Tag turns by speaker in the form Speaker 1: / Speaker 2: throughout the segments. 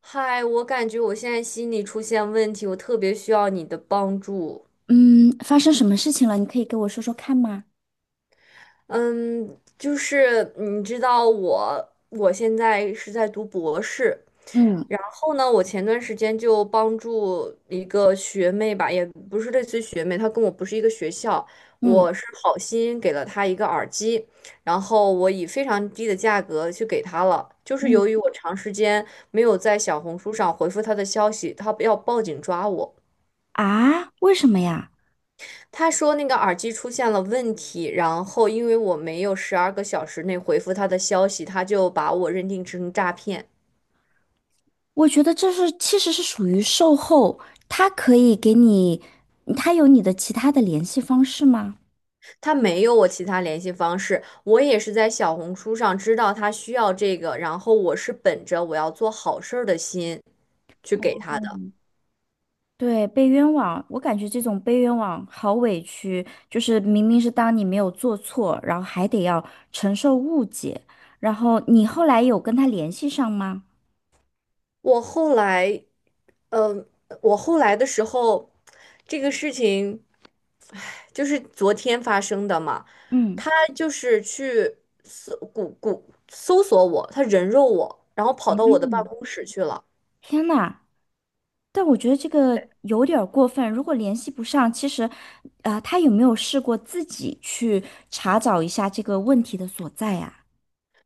Speaker 1: 嗨，我感觉我现在心理出现问题，我特别需要你的帮助。
Speaker 2: 嗯，发生什么事情了？你可以给我说说看吗？
Speaker 1: 嗯，就是你知道我现在是在读博士，
Speaker 2: 嗯
Speaker 1: 然后呢，我前段时间就帮助一个学妹吧，也不是类似于学妹，她跟我不是一个学校，
Speaker 2: 嗯
Speaker 1: 我是好心给了她一个耳机，然后我以非常低的价格去给她了。就是
Speaker 2: 嗯。
Speaker 1: 由于我长时间没有在小红书上回复她的消息，她要报警抓我。
Speaker 2: 啊，为什么呀？
Speaker 1: 他说那个耳机出现了问题，然后因为我没有十二个小时内回复他的消息，他就把我认定成诈骗。
Speaker 2: 我觉得这是其实是属于售后，他可以给你，他有你的其他的联系方式吗？
Speaker 1: 他没有我其他联系方式，我也是在小红书上知道他需要这个，然后我是本着我要做好事儿的心去给他的。
Speaker 2: 对，被冤枉，我感觉这种被冤枉好委屈，就是明明是当你没有做错，然后还得要承受误解，然后你后来有跟他联系上吗？
Speaker 1: 我后来嗯，我后来的时候，这个事情，唉，就是昨天发生的嘛。
Speaker 2: 嗯
Speaker 1: 他就是去搜谷谷搜索我，他人肉我，然后跑到我的办
Speaker 2: 嗯，
Speaker 1: 公室去了。
Speaker 2: 天呐，但我觉得这个有点儿过分。如果联系不上，其实，啊，他有没有试过自己去查找一下这个问题的所在呀？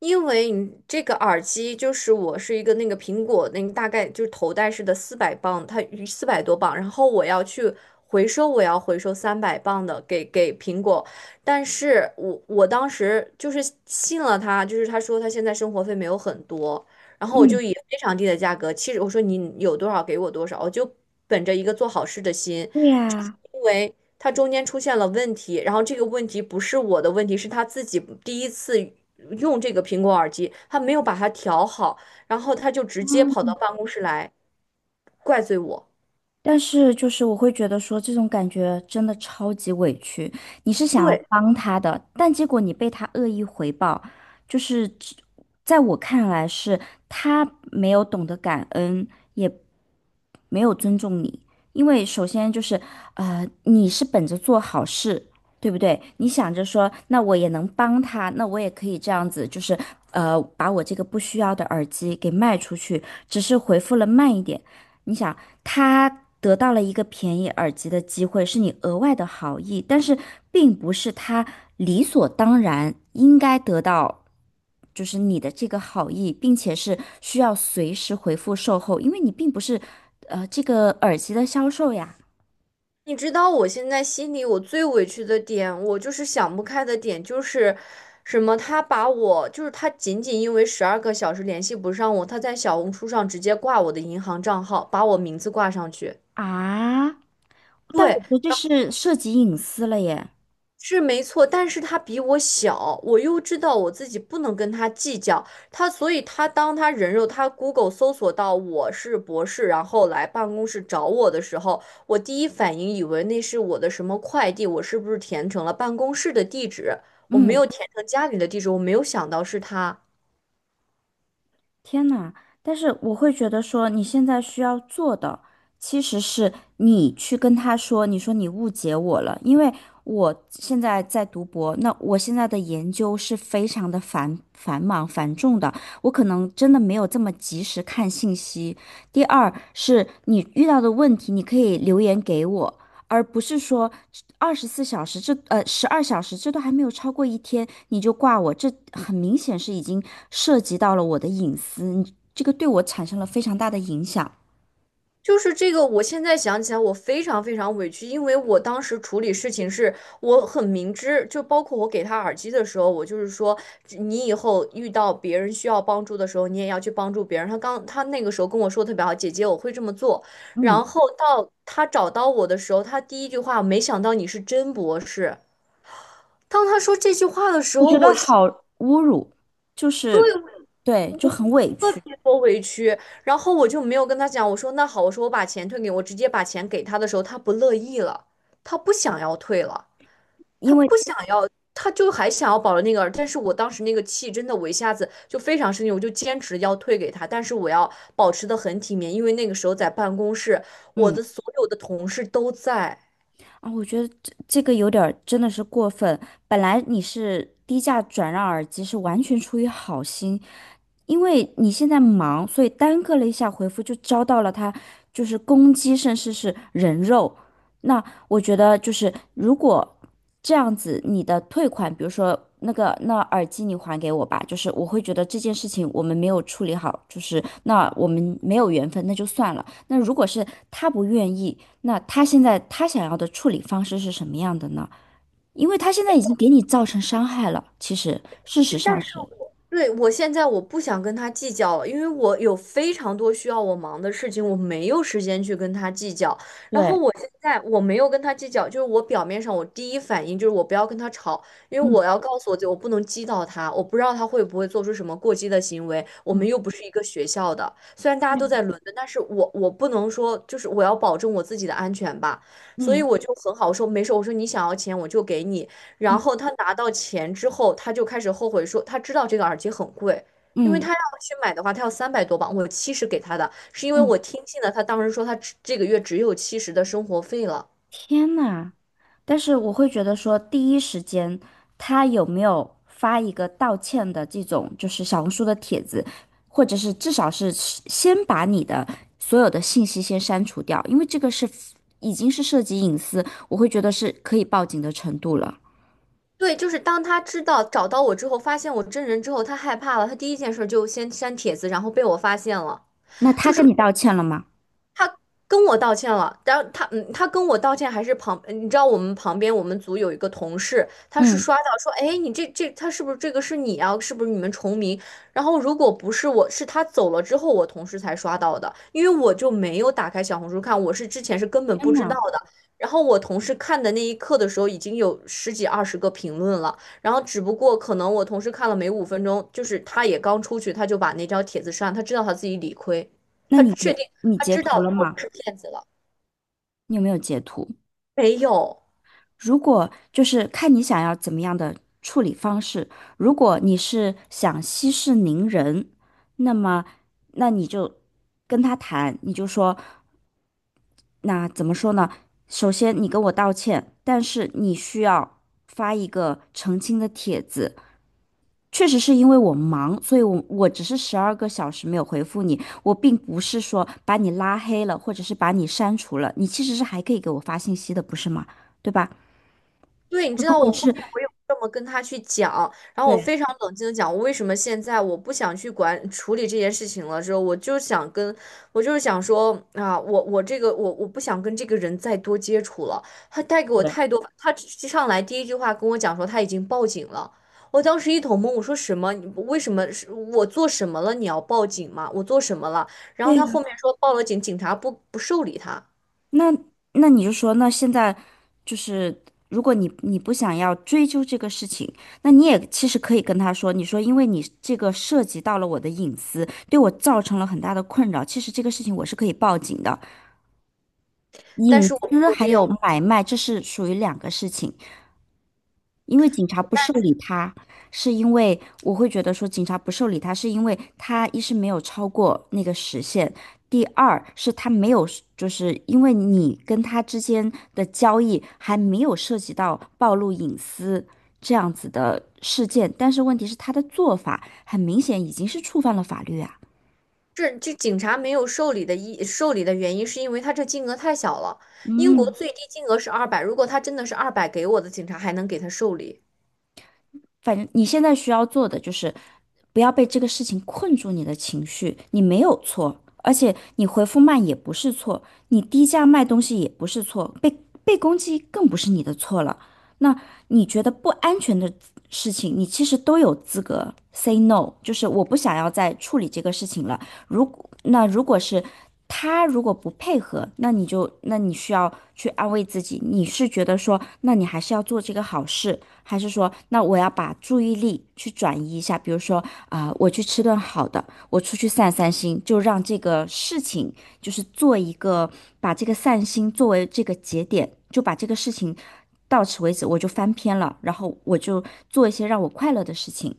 Speaker 1: 因为你这个耳机就是我是一个那个苹果那个大概就是头戴式的400磅，它400多磅，然后我要去回收，我要回收300磅的给苹果，但是我当时就是信了他，就是他说他现在生活费没有很多，然后我
Speaker 2: 嗯。
Speaker 1: 就以非常低的价格，其实我说你有多少给我多少，我就本着一个做好事的心，
Speaker 2: 对
Speaker 1: 就是
Speaker 2: 呀。
Speaker 1: 因为他中间出现了问题，然后这个问题不是我的问题，是他自己第一次用这个苹果耳机，他没有把它调好，然后他就直接跑到办公室来怪罪我。
Speaker 2: 但是就是我会觉得说这种感觉真的超级委屈，你是想要
Speaker 1: 对，
Speaker 2: 帮他的，但结果你被他恶意回报，就是只在我看来是他没有懂得感恩，也没有尊重你，因为首先就是你是本着做好事，对不对？你想着说那我也能帮他，那我也可以这样子，就是把我这个不需要的耳机给卖出去，只是回复了慢一点。你想，他得到了一个便宜耳机的机会，是你额外的好意，但是并不是他理所当然应该得到，就是你的这个好意，并且是需要随时回复售后，因为你并不是这个耳机的销售呀。
Speaker 1: 你知道我现在心里我最委屈的点，我就是想不开的点就是什么？他把我就是他仅仅因为十二个小时联系不上我，他在小红书上直接挂我的银行账号，把我名字挂上去。
Speaker 2: 啊，但我
Speaker 1: 对，
Speaker 2: 觉得这是涉及隐私了耶。
Speaker 1: 是没错，但是他比我小，我又知道我自己不能跟他计较，他所以他当他人肉他 Google 搜索到我是博士，然后来办公室找我的时候，我第一反应以为那是我的什么快递，我是不是填成了办公室的地址？我没
Speaker 2: 嗯。
Speaker 1: 有填成家里的地址，我没有想到是他。
Speaker 2: 天呐，但是我会觉得说，你现在需要做的其实是你去跟他说，你说你误解我了，因为我现在在读博，那我现在的研究是非常的繁重的，我可能真的没有这么及时看信息。第二是你遇到的问题，你可以留言给我，而不是说二十四小时这呃12小时这都还没有超过一天你就挂我，这很明显是已经涉及到了我的隐私，你这个对我产生了非常大的影响。
Speaker 1: 就是这个，我现在想起来，我非常非常委屈，因为我当时处理事情是我很明知，就包括我给他耳机的时候，我就是说，你以后遇到别人需要帮助的时候，你也要去帮助别人。他那个时候跟我说得特别好，姐姐，我会这么做。
Speaker 2: 嗯，
Speaker 1: 然后到他找到我的时候，他第一句话，没想到你是真博士。当他说这句话的时
Speaker 2: 我
Speaker 1: 候，
Speaker 2: 觉得
Speaker 1: 我。
Speaker 2: 好侮辱，就是
Speaker 1: 对，
Speaker 2: 对，就很委屈，
Speaker 1: 多委屈，然后我就没有跟他讲，我说那好，我说我把钱退给你我直接把钱给他的时候，他不乐意了，他不想要退了，他
Speaker 2: 因为
Speaker 1: 不想要，他就还想要保留那个，但是我当时那个气真的，我一下子就非常生气，我就坚持要退给他，但是我要保持的很体面，因为那个时候在办公室，我
Speaker 2: 嗯。
Speaker 1: 的所有的同事都在。
Speaker 2: 啊，我觉得这个有点儿真的是过分。本来你是低价转让耳机，是完全出于好心，因为你现在忙，所以耽搁了一下回复，就遭到了他就是攻击，甚至是人肉。那我觉得就是如果这样子，你的退款，比如说那个那耳机你还给我吧，就是我会觉得这件事情我们没有处理好，就是那我们没有缘分，那就算了。那如果是他不愿意，那他现在他想要的处理方式是什么样的呢？因为他现在已经给你造成伤害了，其实事实
Speaker 1: 但。
Speaker 2: 上是，
Speaker 1: 对，我现在我不想跟他计较了，因为我有非常多需要我忙的事情，我没有时间去跟他计较。然后
Speaker 2: 对，
Speaker 1: 我现在我没有跟他计较，就是我表面上我第一反应就是我不要跟他吵，因为
Speaker 2: 嗯
Speaker 1: 我要告诉我自己我不能激到他，我不知道他会不会做出什么过激的行为。我们
Speaker 2: 嗯，
Speaker 1: 又不是一个学校的，虽然大家都在
Speaker 2: 对，
Speaker 1: 伦敦，但是我不能说就是我要保证我自己的安全吧，所以
Speaker 2: 嗯
Speaker 1: 我就很好说没事，我说你想要钱我就给你，然后
Speaker 2: 嗯
Speaker 1: 他拿到钱之后，他就开始后悔说，他知道这个耳机很贵，因为
Speaker 2: 嗯
Speaker 1: 他要去买的话，他要300多磅我七十给他的，是因为
Speaker 2: 嗯。
Speaker 1: 我听信了他当时说他只这个月只有七十的生活费了。
Speaker 2: 天呐！但是我会觉得说，第一时间他有没有发一个道歉的这种，就是小红书的帖子，或者是至少是先把你的所有的信息先删除掉，因为这个是已经是涉及隐私，我会觉得是可以报警的程度了。
Speaker 1: 对，就是当他知道找到我之后，发现我真人之后，他害怕了，他第一件事就先删帖子，然后被我发现了。
Speaker 2: 那
Speaker 1: 就
Speaker 2: 他
Speaker 1: 是
Speaker 2: 跟你道歉了吗？
Speaker 1: 他跟我道歉了，然后他他跟我道歉还是旁，你知道我们旁边我们组有一个同事，他是
Speaker 2: 嗯，
Speaker 1: 刷到说，哎，你这他是不是这个是你啊？是不是你们重名？然后如果不是我，是他走了之后我同事才刷到的，因为我就没有打开小红书看，我是之前是根本
Speaker 2: 天
Speaker 1: 不知道
Speaker 2: 呐，
Speaker 1: 的。然后我同事看的那一刻的时候，已经有十几二十个评论了，然后只不过可能我同事看了没5分钟，就是他也刚出去，他就把那条帖子删了，他知道他自己理亏。
Speaker 2: 那
Speaker 1: 他
Speaker 2: 你
Speaker 1: 确定
Speaker 2: 你
Speaker 1: 他
Speaker 2: 截
Speaker 1: 知道
Speaker 2: 图了
Speaker 1: 了我不
Speaker 2: 吗？
Speaker 1: 是骗子了，
Speaker 2: 你有没有截图？
Speaker 1: 没有。
Speaker 2: 如果就是看你想要怎么样的处理方式，如果你是想息事宁人，那么那你就跟他谈，你就说，那怎么说呢？首先你跟我道歉，但是你需要发一个澄清的帖子。确实是因为我忙，所以我只是12个小时没有回复你，我并不是说把你拉黑了，或者是把你删除了，你其实是还可以给我发信息的，不是吗？对吧？
Speaker 1: 对，你知
Speaker 2: 如
Speaker 1: 道我
Speaker 2: 果
Speaker 1: 后
Speaker 2: 是
Speaker 1: 面我有这么跟他去讲，然后我
Speaker 2: 对，
Speaker 1: 非常冷静的讲，我为什么现在我不想去管处理这件事情了。之后我就想跟，我就是想说啊，我这个我不想跟这个人再多接触了。他带给我
Speaker 2: 对。
Speaker 1: 太多，他上来第一句话跟我讲说他已经报警了。我当时一头懵，我说什么？你为什么是我做什么了？你要报警吗？我做什么了？然后
Speaker 2: 对
Speaker 1: 他
Speaker 2: 呀，
Speaker 1: 后面说报了警，警察不受理他，
Speaker 2: 那那你就说，那现在就是，如果你不想要追究这个事情，那你也其实可以跟他说，你说因为你这个涉及到了我的隐私，对我造成了很大的困扰，其实这个事情我是可以报警的。
Speaker 1: 但
Speaker 2: 隐
Speaker 1: 是我没
Speaker 2: 私
Speaker 1: 有
Speaker 2: 还
Speaker 1: 这
Speaker 2: 有
Speaker 1: 样
Speaker 2: 买卖，这是属于两个事情。因为警察不受理他，是因为我会觉得说警察不受理他，是因为他一是没有超过那个时限，第二是他没有，就是因为你跟他之间的交易还没有涉及到暴露隐私这样子的事件，但是问题是他的做法很明显已经是触犯了法律啊。
Speaker 1: 这警察没有受理的原因，是因为他这金额太小了。英国
Speaker 2: 嗯。
Speaker 1: 最低金额是二百，如果他真的是二百给我的，警察还能给他受理。
Speaker 2: 反正你现在需要做的就是不要被这个事情困住你的情绪，你没有错，而且你回复慢也不是错，你低价卖东西也不是错，被攻击更不是你的错了。那你觉得不安全的事情，你其实都有资格 say no，就是我不想要再处理这个事情了。如果那如果是他如果不配合，那你需要去安慰自己，你是觉得说，那你还是要做这个好事。还是说，那我要把注意力去转移一下，比如说我去吃顿好的，我出去散散心，就让这个事情就是做一个，把这个散心作为这个节点，就把这个事情到此为止，我就翻篇了，然后我就做一些让我快乐的事情。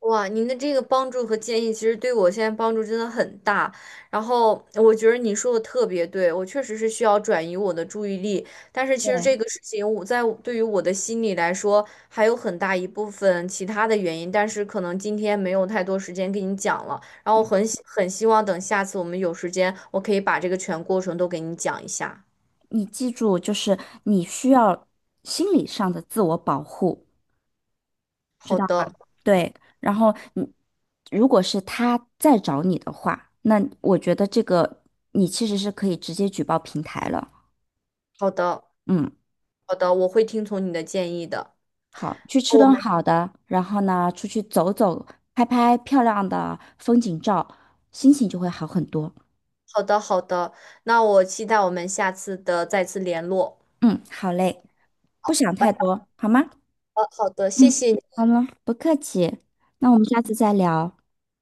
Speaker 1: 哇，您的这个帮助和建议，其实对我现在帮助真的很大。然后我觉得你说的特别对，我确实是需要转移我的注意力。但是其实
Speaker 2: 对，
Speaker 1: 这个事情，我在我对于我的心理来说，还有很大一部分其他的原因。但是可能今天没有太多时间跟你讲了。然后我很希望等下次我们有时间，我可以把这个全过程都给你讲一下。
Speaker 2: 你记住，就是你需要心理上的自我保护，
Speaker 1: 好的，
Speaker 2: 对，然后你如果是他再找你的话，那我觉得这个你其实是可以直接举报平台了。
Speaker 1: 好的，
Speaker 2: 嗯，
Speaker 1: 好的，我会听从你的建议的。
Speaker 2: 好，去吃
Speaker 1: 我
Speaker 2: 顿
Speaker 1: 们
Speaker 2: 好的，然后呢，出去走走，拍拍漂亮的风景照，心情就会好很多。
Speaker 1: 好的，好的，那我期待我们下次的再次联络。
Speaker 2: 嗯，好嘞，不
Speaker 1: 好，
Speaker 2: 想
Speaker 1: 拜
Speaker 2: 太
Speaker 1: 拜。
Speaker 2: 多，好吗？
Speaker 1: 好的，谢
Speaker 2: 嗯，
Speaker 1: 谢你
Speaker 2: 好了，不客气，那我们下次再聊，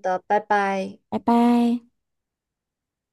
Speaker 1: 的，拜拜。
Speaker 2: 拜拜。